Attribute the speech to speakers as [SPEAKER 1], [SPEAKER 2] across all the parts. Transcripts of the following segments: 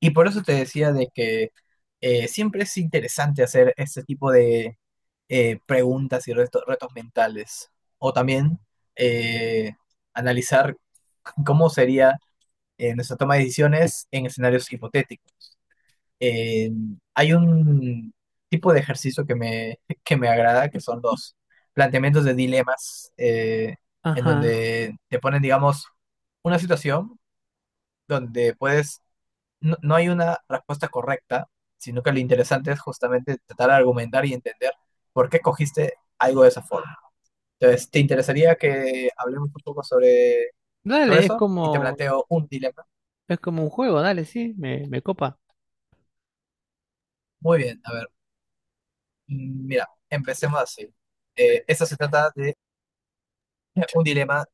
[SPEAKER 1] Y por eso te decía de que siempre es interesante hacer este tipo de preguntas y retos mentales. O también eh, analizar cómo sería nuestra toma de decisiones en escenarios hipotéticos. Eh, Hay un tipo de ejercicio que me agrada, que son los planteamientos de dilemas, en
[SPEAKER 2] Ajá.
[SPEAKER 1] donde te ponen, digamos, una situación donde puedes no, no hay una respuesta correcta, sino que lo interesante es justamente tratar de argumentar y entender por qué cogiste algo de esa forma. Entonces, ¿te interesaría que hablemos un poco sobre
[SPEAKER 2] Dale, es
[SPEAKER 1] eso? Y te
[SPEAKER 2] como,
[SPEAKER 1] planteo un dilema.
[SPEAKER 2] es como un juego, dale, sí, me copa.
[SPEAKER 1] Muy bien, a ver, mira, empecemos así. Esto se trata de un dilema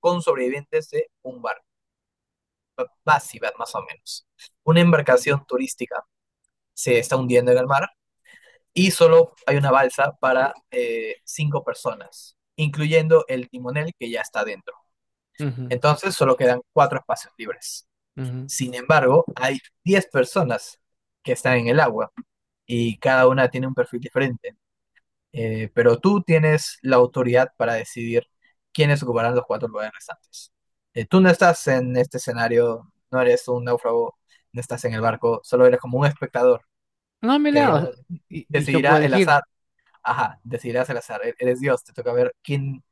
[SPEAKER 1] con sobrevivientes de un barco, va- así, va, más o menos. Una embarcación turística se está hundiendo en el mar y solo hay una balsa para cinco personas, incluyendo el timonel que ya está dentro.
[SPEAKER 2] Ujú,
[SPEAKER 1] Entonces solo quedan cuatro espacios libres.
[SPEAKER 2] ujú.
[SPEAKER 1] Sin embargo, hay 10 personas que están en el agua y cada una tiene un perfil diferente. Pero tú tienes la autoridad para decidir quiénes ocuparán los cuatro lugares restantes. Tú no estás en este escenario, no eres un náufrago, no estás en el barco, solo eres como un espectador
[SPEAKER 2] No,
[SPEAKER 1] que,
[SPEAKER 2] mira, o sea,
[SPEAKER 1] digamos,
[SPEAKER 2] y yo
[SPEAKER 1] decidirá
[SPEAKER 2] puedo
[SPEAKER 1] el
[SPEAKER 2] elegir.
[SPEAKER 1] azar. Ajá, decidirás al azar. Eres Dios, te toca ver quién,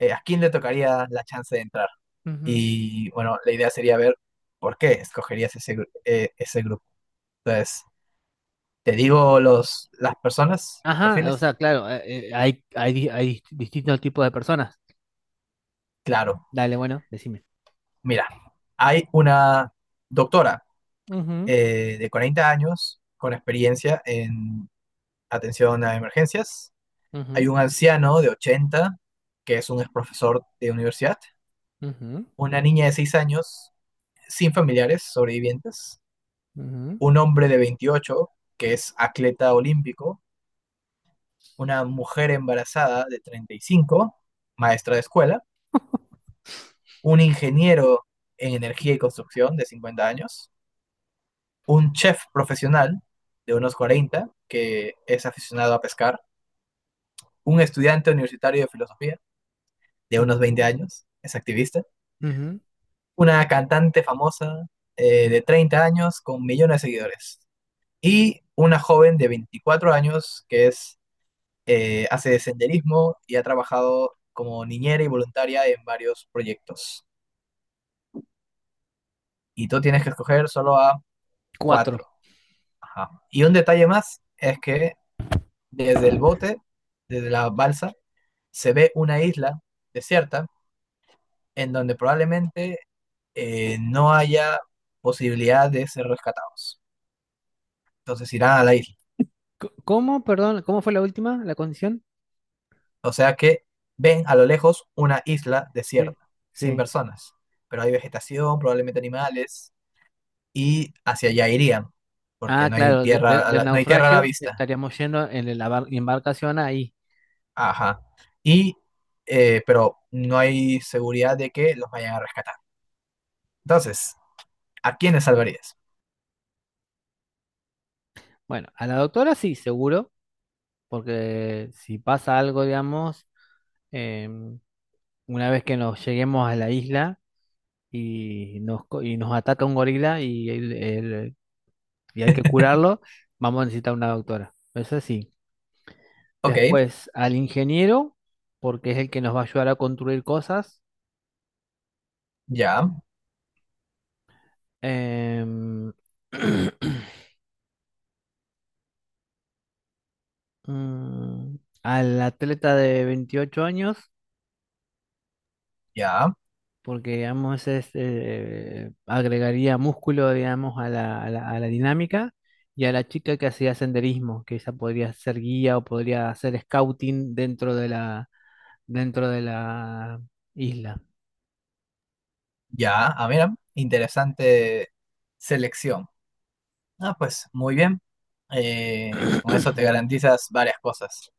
[SPEAKER 1] a quién le tocaría la chance de entrar.
[SPEAKER 2] Ujú.
[SPEAKER 1] Y bueno, la idea sería ver por qué escogerías ese grupo. Entonces, ¿te digo los, las personas, los
[SPEAKER 2] Ajá, o
[SPEAKER 1] perfiles?
[SPEAKER 2] sea, claro, hay distintos tipos de personas.
[SPEAKER 1] Claro,
[SPEAKER 2] Dale, bueno, decime.
[SPEAKER 1] mira, hay una doctora
[SPEAKER 2] Ujú,
[SPEAKER 1] de 40 años con experiencia en atención a emergencias.
[SPEAKER 2] ujú,
[SPEAKER 1] Hay un anciano de 80 que es un ex profesor de universidad.
[SPEAKER 2] ujú,
[SPEAKER 1] Una niña de 6 años sin familiares sobrevivientes,
[SPEAKER 2] ujú,
[SPEAKER 1] un hombre de 28 que es atleta olímpico, una mujer embarazada de 35, maestra de escuela, un ingeniero en energía y construcción de 50 años, un chef profesional de unos 40 que es aficionado a pescar, un estudiante universitario de filosofía de unos 20
[SPEAKER 2] ujú,
[SPEAKER 1] años, es activista,
[SPEAKER 2] ujú.
[SPEAKER 1] una cantante famosa de 30 años con millones de seguidores y una joven de 24 años que es hace senderismo y ha trabajado como niñera y voluntaria en varios proyectos. Y tú tienes que escoger solo a
[SPEAKER 2] Cuatro.
[SPEAKER 1] cuatro. Ajá. Y un detalle más es que desde el bote, desde la balsa, se ve una isla desierta en donde probablemente no haya posibilidad de ser rescatados. Entonces irán a la isla.
[SPEAKER 2] ¿Cómo, perdón, cómo fue la última, la condición?
[SPEAKER 1] O sea que ven a lo lejos una isla
[SPEAKER 2] Sí.
[SPEAKER 1] desierta, sin
[SPEAKER 2] Sí.
[SPEAKER 1] personas, pero hay vegetación, probablemente animales, y hacia allá irían, porque
[SPEAKER 2] Ah,
[SPEAKER 1] no hay
[SPEAKER 2] claro, de-
[SPEAKER 1] tierra,
[SPEAKER 2] de- del
[SPEAKER 1] no hay tierra a la
[SPEAKER 2] naufragio
[SPEAKER 1] vista.
[SPEAKER 2] estaríamos yendo en la embarcación ahí.
[SPEAKER 1] Ajá. Y, pero no hay seguridad de que los vayan a rescatar. Entonces, ¿a quiénes salvarías?
[SPEAKER 2] Bueno, a la doctora sí, seguro. Porque si pasa algo, digamos, em, una vez que nos lleguemos a la isla y nos ataca un gorila y hay que curarlo, vamos a necesitar una doctora. Eso sí.
[SPEAKER 1] Ok,
[SPEAKER 2] Después al ingeniero, porque es el que nos va a ayudar a construir cosas.
[SPEAKER 1] ya,
[SPEAKER 2] Em, mm, al atleta de 28 años
[SPEAKER 1] ya,
[SPEAKER 2] porque digamos agregaría músculo, digamos, a la dinámica y a la chica que hacía senderismo, que ella podría ser guía o podría hacer scouting dentro de la isla.
[SPEAKER 1] ya. Ah, mira, interesante selección. Ah, pues, muy bien. Con eso te garantizas varias cosas.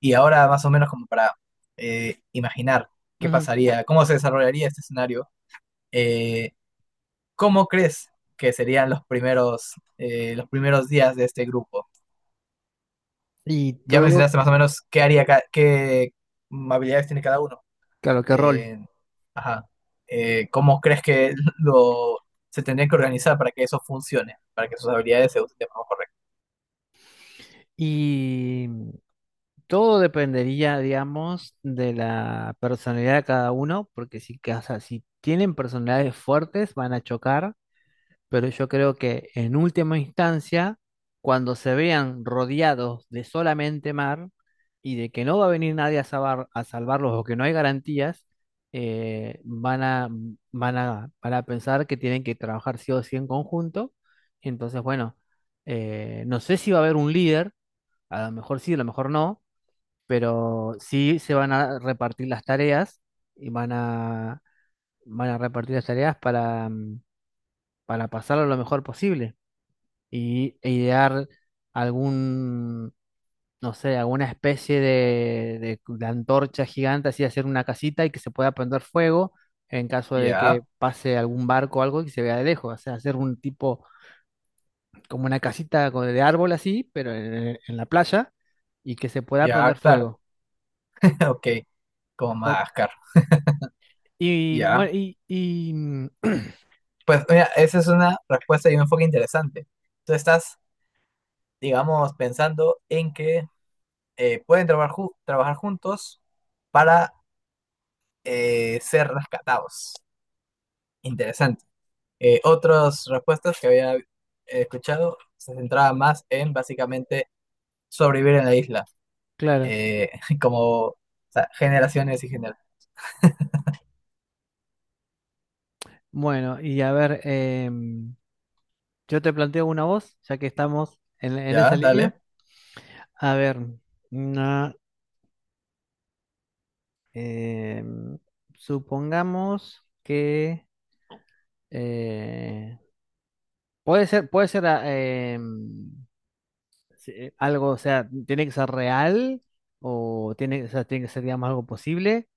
[SPEAKER 1] Y ahora, más o menos, como para imaginar qué
[SPEAKER 2] Ujú.
[SPEAKER 1] pasaría, cómo se desarrollaría este escenario. eh, ¿Cómo crees que serían los primeros días de este grupo?
[SPEAKER 2] Y
[SPEAKER 1] Ya
[SPEAKER 2] todo,
[SPEAKER 1] mencionaste más o menos qué haría, qué habilidades tiene cada uno.
[SPEAKER 2] claro, qué rol.
[SPEAKER 1] Eh, ajá. ¿Cómo crees que lo se tendrían que organizar para que eso funcione, para que sus habilidades se usen de forma correcta?
[SPEAKER 2] Y todo dependería, digamos, de la personalidad de cada uno, porque si tienen personalidades fuertes, van a chocar, pero yo creo que en última instancia, cuando se vean rodeados de solamente mar y de que no va a venir nadie a salvarlos o que no hay garantías, eh, van a, van a pensar que tienen que trabajar sí o sí en conjunto. Entonces, bueno, no sé si va a haber un líder, a lo mejor sí, a lo mejor no, pero sí se van a repartir las tareas y van a repartir las tareas para pasarlo lo mejor posible e idear algún, no sé, alguna especie de antorcha gigante, así hacer una casita y que se pueda prender fuego en caso de
[SPEAKER 1] Ya,
[SPEAKER 2] que pase algún barco o algo y se vea de lejos, o sea, hacer un tipo, como una casita de árbol así, pero en la playa y que se pueda
[SPEAKER 1] ya,
[SPEAKER 2] prender
[SPEAKER 1] claro.
[SPEAKER 2] fuego.
[SPEAKER 1] Ok, como
[SPEAKER 2] O-
[SPEAKER 1] Madagascar.
[SPEAKER 2] y, bueno,
[SPEAKER 1] Ya.
[SPEAKER 2] y, y, mm,
[SPEAKER 1] Pues mira, esa es una respuesta y un enfoque interesante. Tú estás, digamos, pensando en que pueden trabajar juntos para ser rescatados. Interesante. Otras respuestas que había escuchado se centraban más en básicamente sobrevivir en la isla,
[SPEAKER 2] claro,
[SPEAKER 1] eh, como o sea, generaciones y generaciones.
[SPEAKER 2] bueno, y a ver, em, yo te planteo una voz, ya que estamos en
[SPEAKER 1] Ya,
[SPEAKER 2] esa
[SPEAKER 1] dale.
[SPEAKER 2] línea. A ver, mm, ah, Eh, supongamos que eh, puede ser em, algo, o sea, tiene que ser real o tiene, o sea, tiene que ser, digamos, algo posible,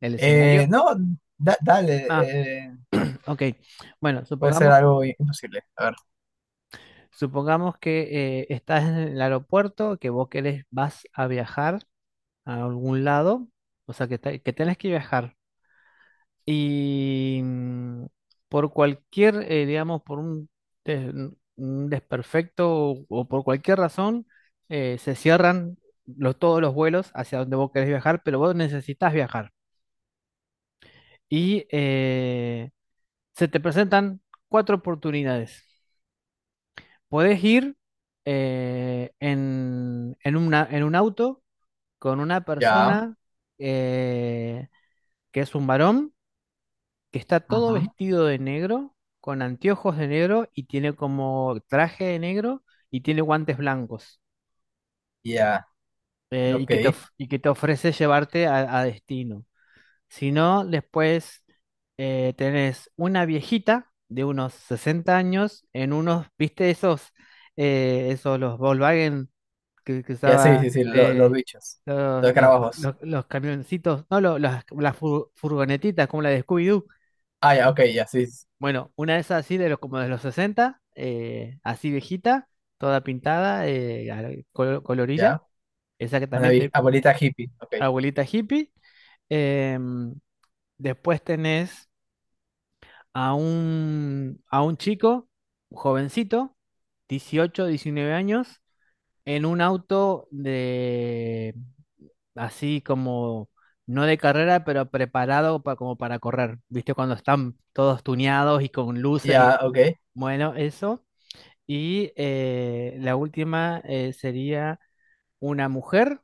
[SPEAKER 2] el escenario.
[SPEAKER 1] No, dale,
[SPEAKER 2] Ah, ok. Bueno,
[SPEAKER 1] puede ser
[SPEAKER 2] supongamos,
[SPEAKER 1] algo imposible. A ver,
[SPEAKER 2] supongamos que estás en el aeropuerto, que vos querés, vas a viajar a algún lado, o sea, que tenés que viajar. Y por cualquier, digamos, por un, des- un desperfecto o por cualquier razón, se cierran todos los vuelos hacia donde vos querés viajar, pero vos necesitas viajar. Y se te presentan cuatro oportunidades. Podés ir en un auto con una
[SPEAKER 1] ya,
[SPEAKER 2] persona eh, que es un varón que está todo
[SPEAKER 1] ujú,
[SPEAKER 2] vestido de negro, con anteojos de negro y tiene como traje de negro y tiene guantes blancos
[SPEAKER 1] ya,
[SPEAKER 2] y que te,
[SPEAKER 1] ok.
[SPEAKER 2] of- y que te ofrece llevarte a destino. Si no, después tenés una viejita de unos 60 años en unos, ¿viste esos, esos los Volkswagen que
[SPEAKER 1] Ya, sí,
[SPEAKER 2] usaba
[SPEAKER 1] sí, sí, los
[SPEAKER 2] de.
[SPEAKER 1] bichos, los
[SPEAKER 2] Los, los,
[SPEAKER 1] escarabajos.
[SPEAKER 2] los, los camioncitos, no, las furgonetitas como la de Scooby-Doo.
[SPEAKER 1] Ah, ya, ok, ya, sí, sí,
[SPEAKER 2] Bueno, una de esas así de los como de los 60, así viejita, toda pintada, colorida,
[SPEAKER 1] ya. Una
[SPEAKER 2] exactamente,
[SPEAKER 1] abuelita hippie, ok.
[SPEAKER 2] abuelita hippie. Em, después tenés a un chico, un jovencito, 18, 19 años, en un auto de así como, no de carrera, pero preparado como para correr. ¿Viste? Cuando están todos tuneados y con luces y
[SPEAKER 1] Ya, ok,
[SPEAKER 2] bueno, eso. Y la última sería una mujer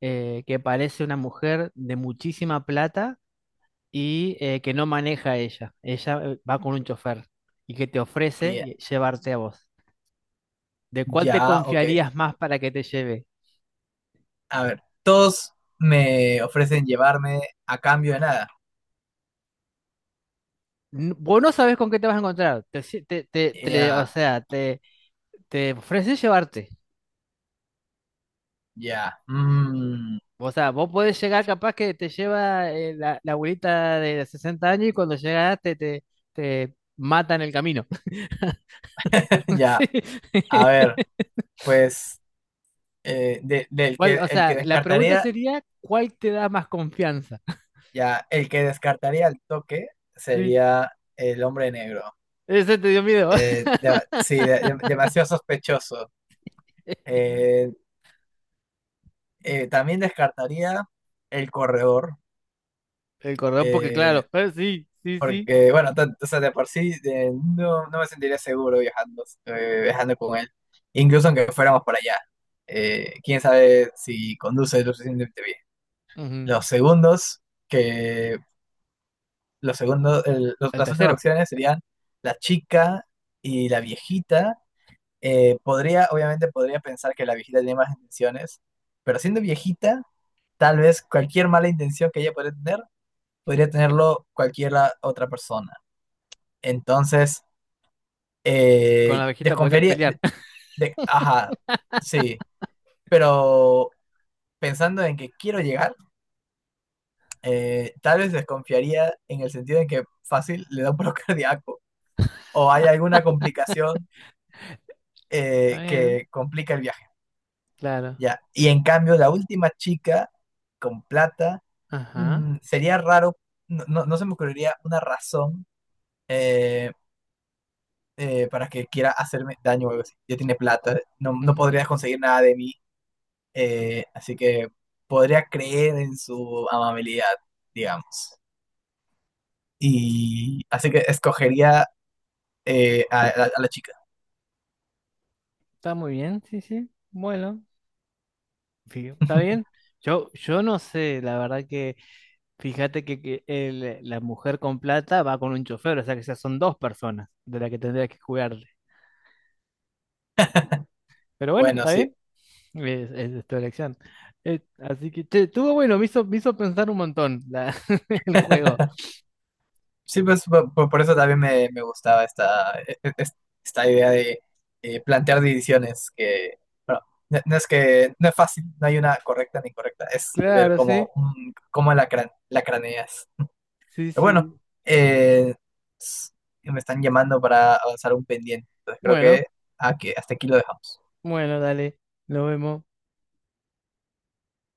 [SPEAKER 2] que parece una mujer de muchísima plata y que no maneja ella. Ella va con un chofer y que te ofrece
[SPEAKER 1] ya,
[SPEAKER 2] llevarte a vos. ¿De cuál te
[SPEAKER 1] ya, ok.
[SPEAKER 2] confiarías más para que te lleve?
[SPEAKER 1] A ver, todos me ofrecen llevarme a cambio de nada.
[SPEAKER 2] Vos no sabés con qué te vas a encontrar. Te, si- te- te- te- o
[SPEAKER 1] Ya,
[SPEAKER 2] sea, te ofrece llevarte.
[SPEAKER 1] ya,
[SPEAKER 2] O sea, vos podés llegar capaz que te lleva la abuelita de 60 años y cuando llegas te mata en el camino.
[SPEAKER 1] ya.
[SPEAKER 2] Sí.
[SPEAKER 1] A ver, pues de- del
[SPEAKER 2] ¿Cuál-
[SPEAKER 1] que
[SPEAKER 2] o
[SPEAKER 1] el
[SPEAKER 2] sea,
[SPEAKER 1] que
[SPEAKER 2] la pregunta
[SPEAKER 1] descartaría,
[SPEAKER 2] sería: ¿cuál te da más confianza?
[SPEAKER 1] ya, el que descartaría al toque
[SPEAKER 2] Sí,
[SPEAKER 1] sería el hombre negro.
[SPEAKER 2] ese te dio miedo.
[SPEAKER 1] Sí, demasiado sospechoso. Eh, También descartaría el corredor.
[SPEAKER 2] El cordón, porque
[SPEAKER 1] Eh,
[SPEAKER 2] claro, sí, sí, sí.
[SPEAKER 1] Porque, bueno, o sea, de por sí no, no me sentiría seguro viajando con él, incluso aunque fuéramos por allá. Quién sabe si conduce lo suficientemente bien.
[SPEAKER 2] Ujú.
[SPEAKER 1] Los segundos, que los segundos, el- los-
[SPEAKER 2] El
[SPEAKER 1] las últimas
[SPEAKER 2] tercero,
[SPEAKER 1] opciones serían la chica y la viejita. Podría, obviamente, podría pensar que la viejita tiene más intenciones, pero siendo viejita, tal vez cualquier mala intención que ella podría tener, podría tenerlo cualquier otra persona. Entonces,
[SPEAKER 2] con la abejita podrías
[SPEAKER 1] desconfiaría,
[SPEAKER 2] pelear.
[SPEAKER 1] ajá, sí, pero pensando en que quiero llegar, tal vez desconfiaría en el sentido en que fácil le da un paro cardíaco o hay alguna complicación
[SPEAKER 2] Está bien,
[SPEAKER 1] que complica el viaje,
[SPEAKER 2] claro.
[SPEAKER 1] ya. Y en cambio, la última chica con plata,
[SPEAKER 2] Ajá.
[SPEAKER 1] sería raro, no, no, no se me ocurriría una razón eh, para que quiera hacerme daño o algo así. Ya tiene plata, no, no
[SPEAKER 2] Ujú.
[SPEAKER 1] podrías conseguir nada de mí. Así que podría creer en su amabilidad, digamos. Y así que escogería a la chica.
[SPEAKER 2] Está muy bien, sí, sí. Bueno, sí, está bien. Yo no sé, la verdad que fíjate que, que la mujer con plata va con un chofer, o sea que ya son dos personas de las que tendrías que jugarle. Pero bueno,
[SPEAKER 1] Bueno,
[SPEAKER 2] está
[SPEAKER 1] sí.
[SPEAKER 2] bien. Es tu elección. Así que, che, estuvo bueno, me hizo pensar un montón el juego.
[SPEAKER 1] Sí, pues por, eso también me gustaba esta, e- e- es- esta idea de plantear divisiones que, bueno, no, no es que no es fácil, no hay una correcta ni incorrecta, es ver
[SPEAKER 2] Claro, sí,
[SPEAKER 1] cómo la craneas.
[SPEAKER 2] sí,
[SPEAKER 1] Pero bueno,
[SPEAKER 2] sí.
[SPEAKER 1] eh, s- me están llamando para avanzar un pendiente. Entonces creo
[SPEAKER 2] Bueno,
[SPEAKER 1] que hasta aquí lo dejamos.
[SPEAKER 2] bueno, dale, nos vemos.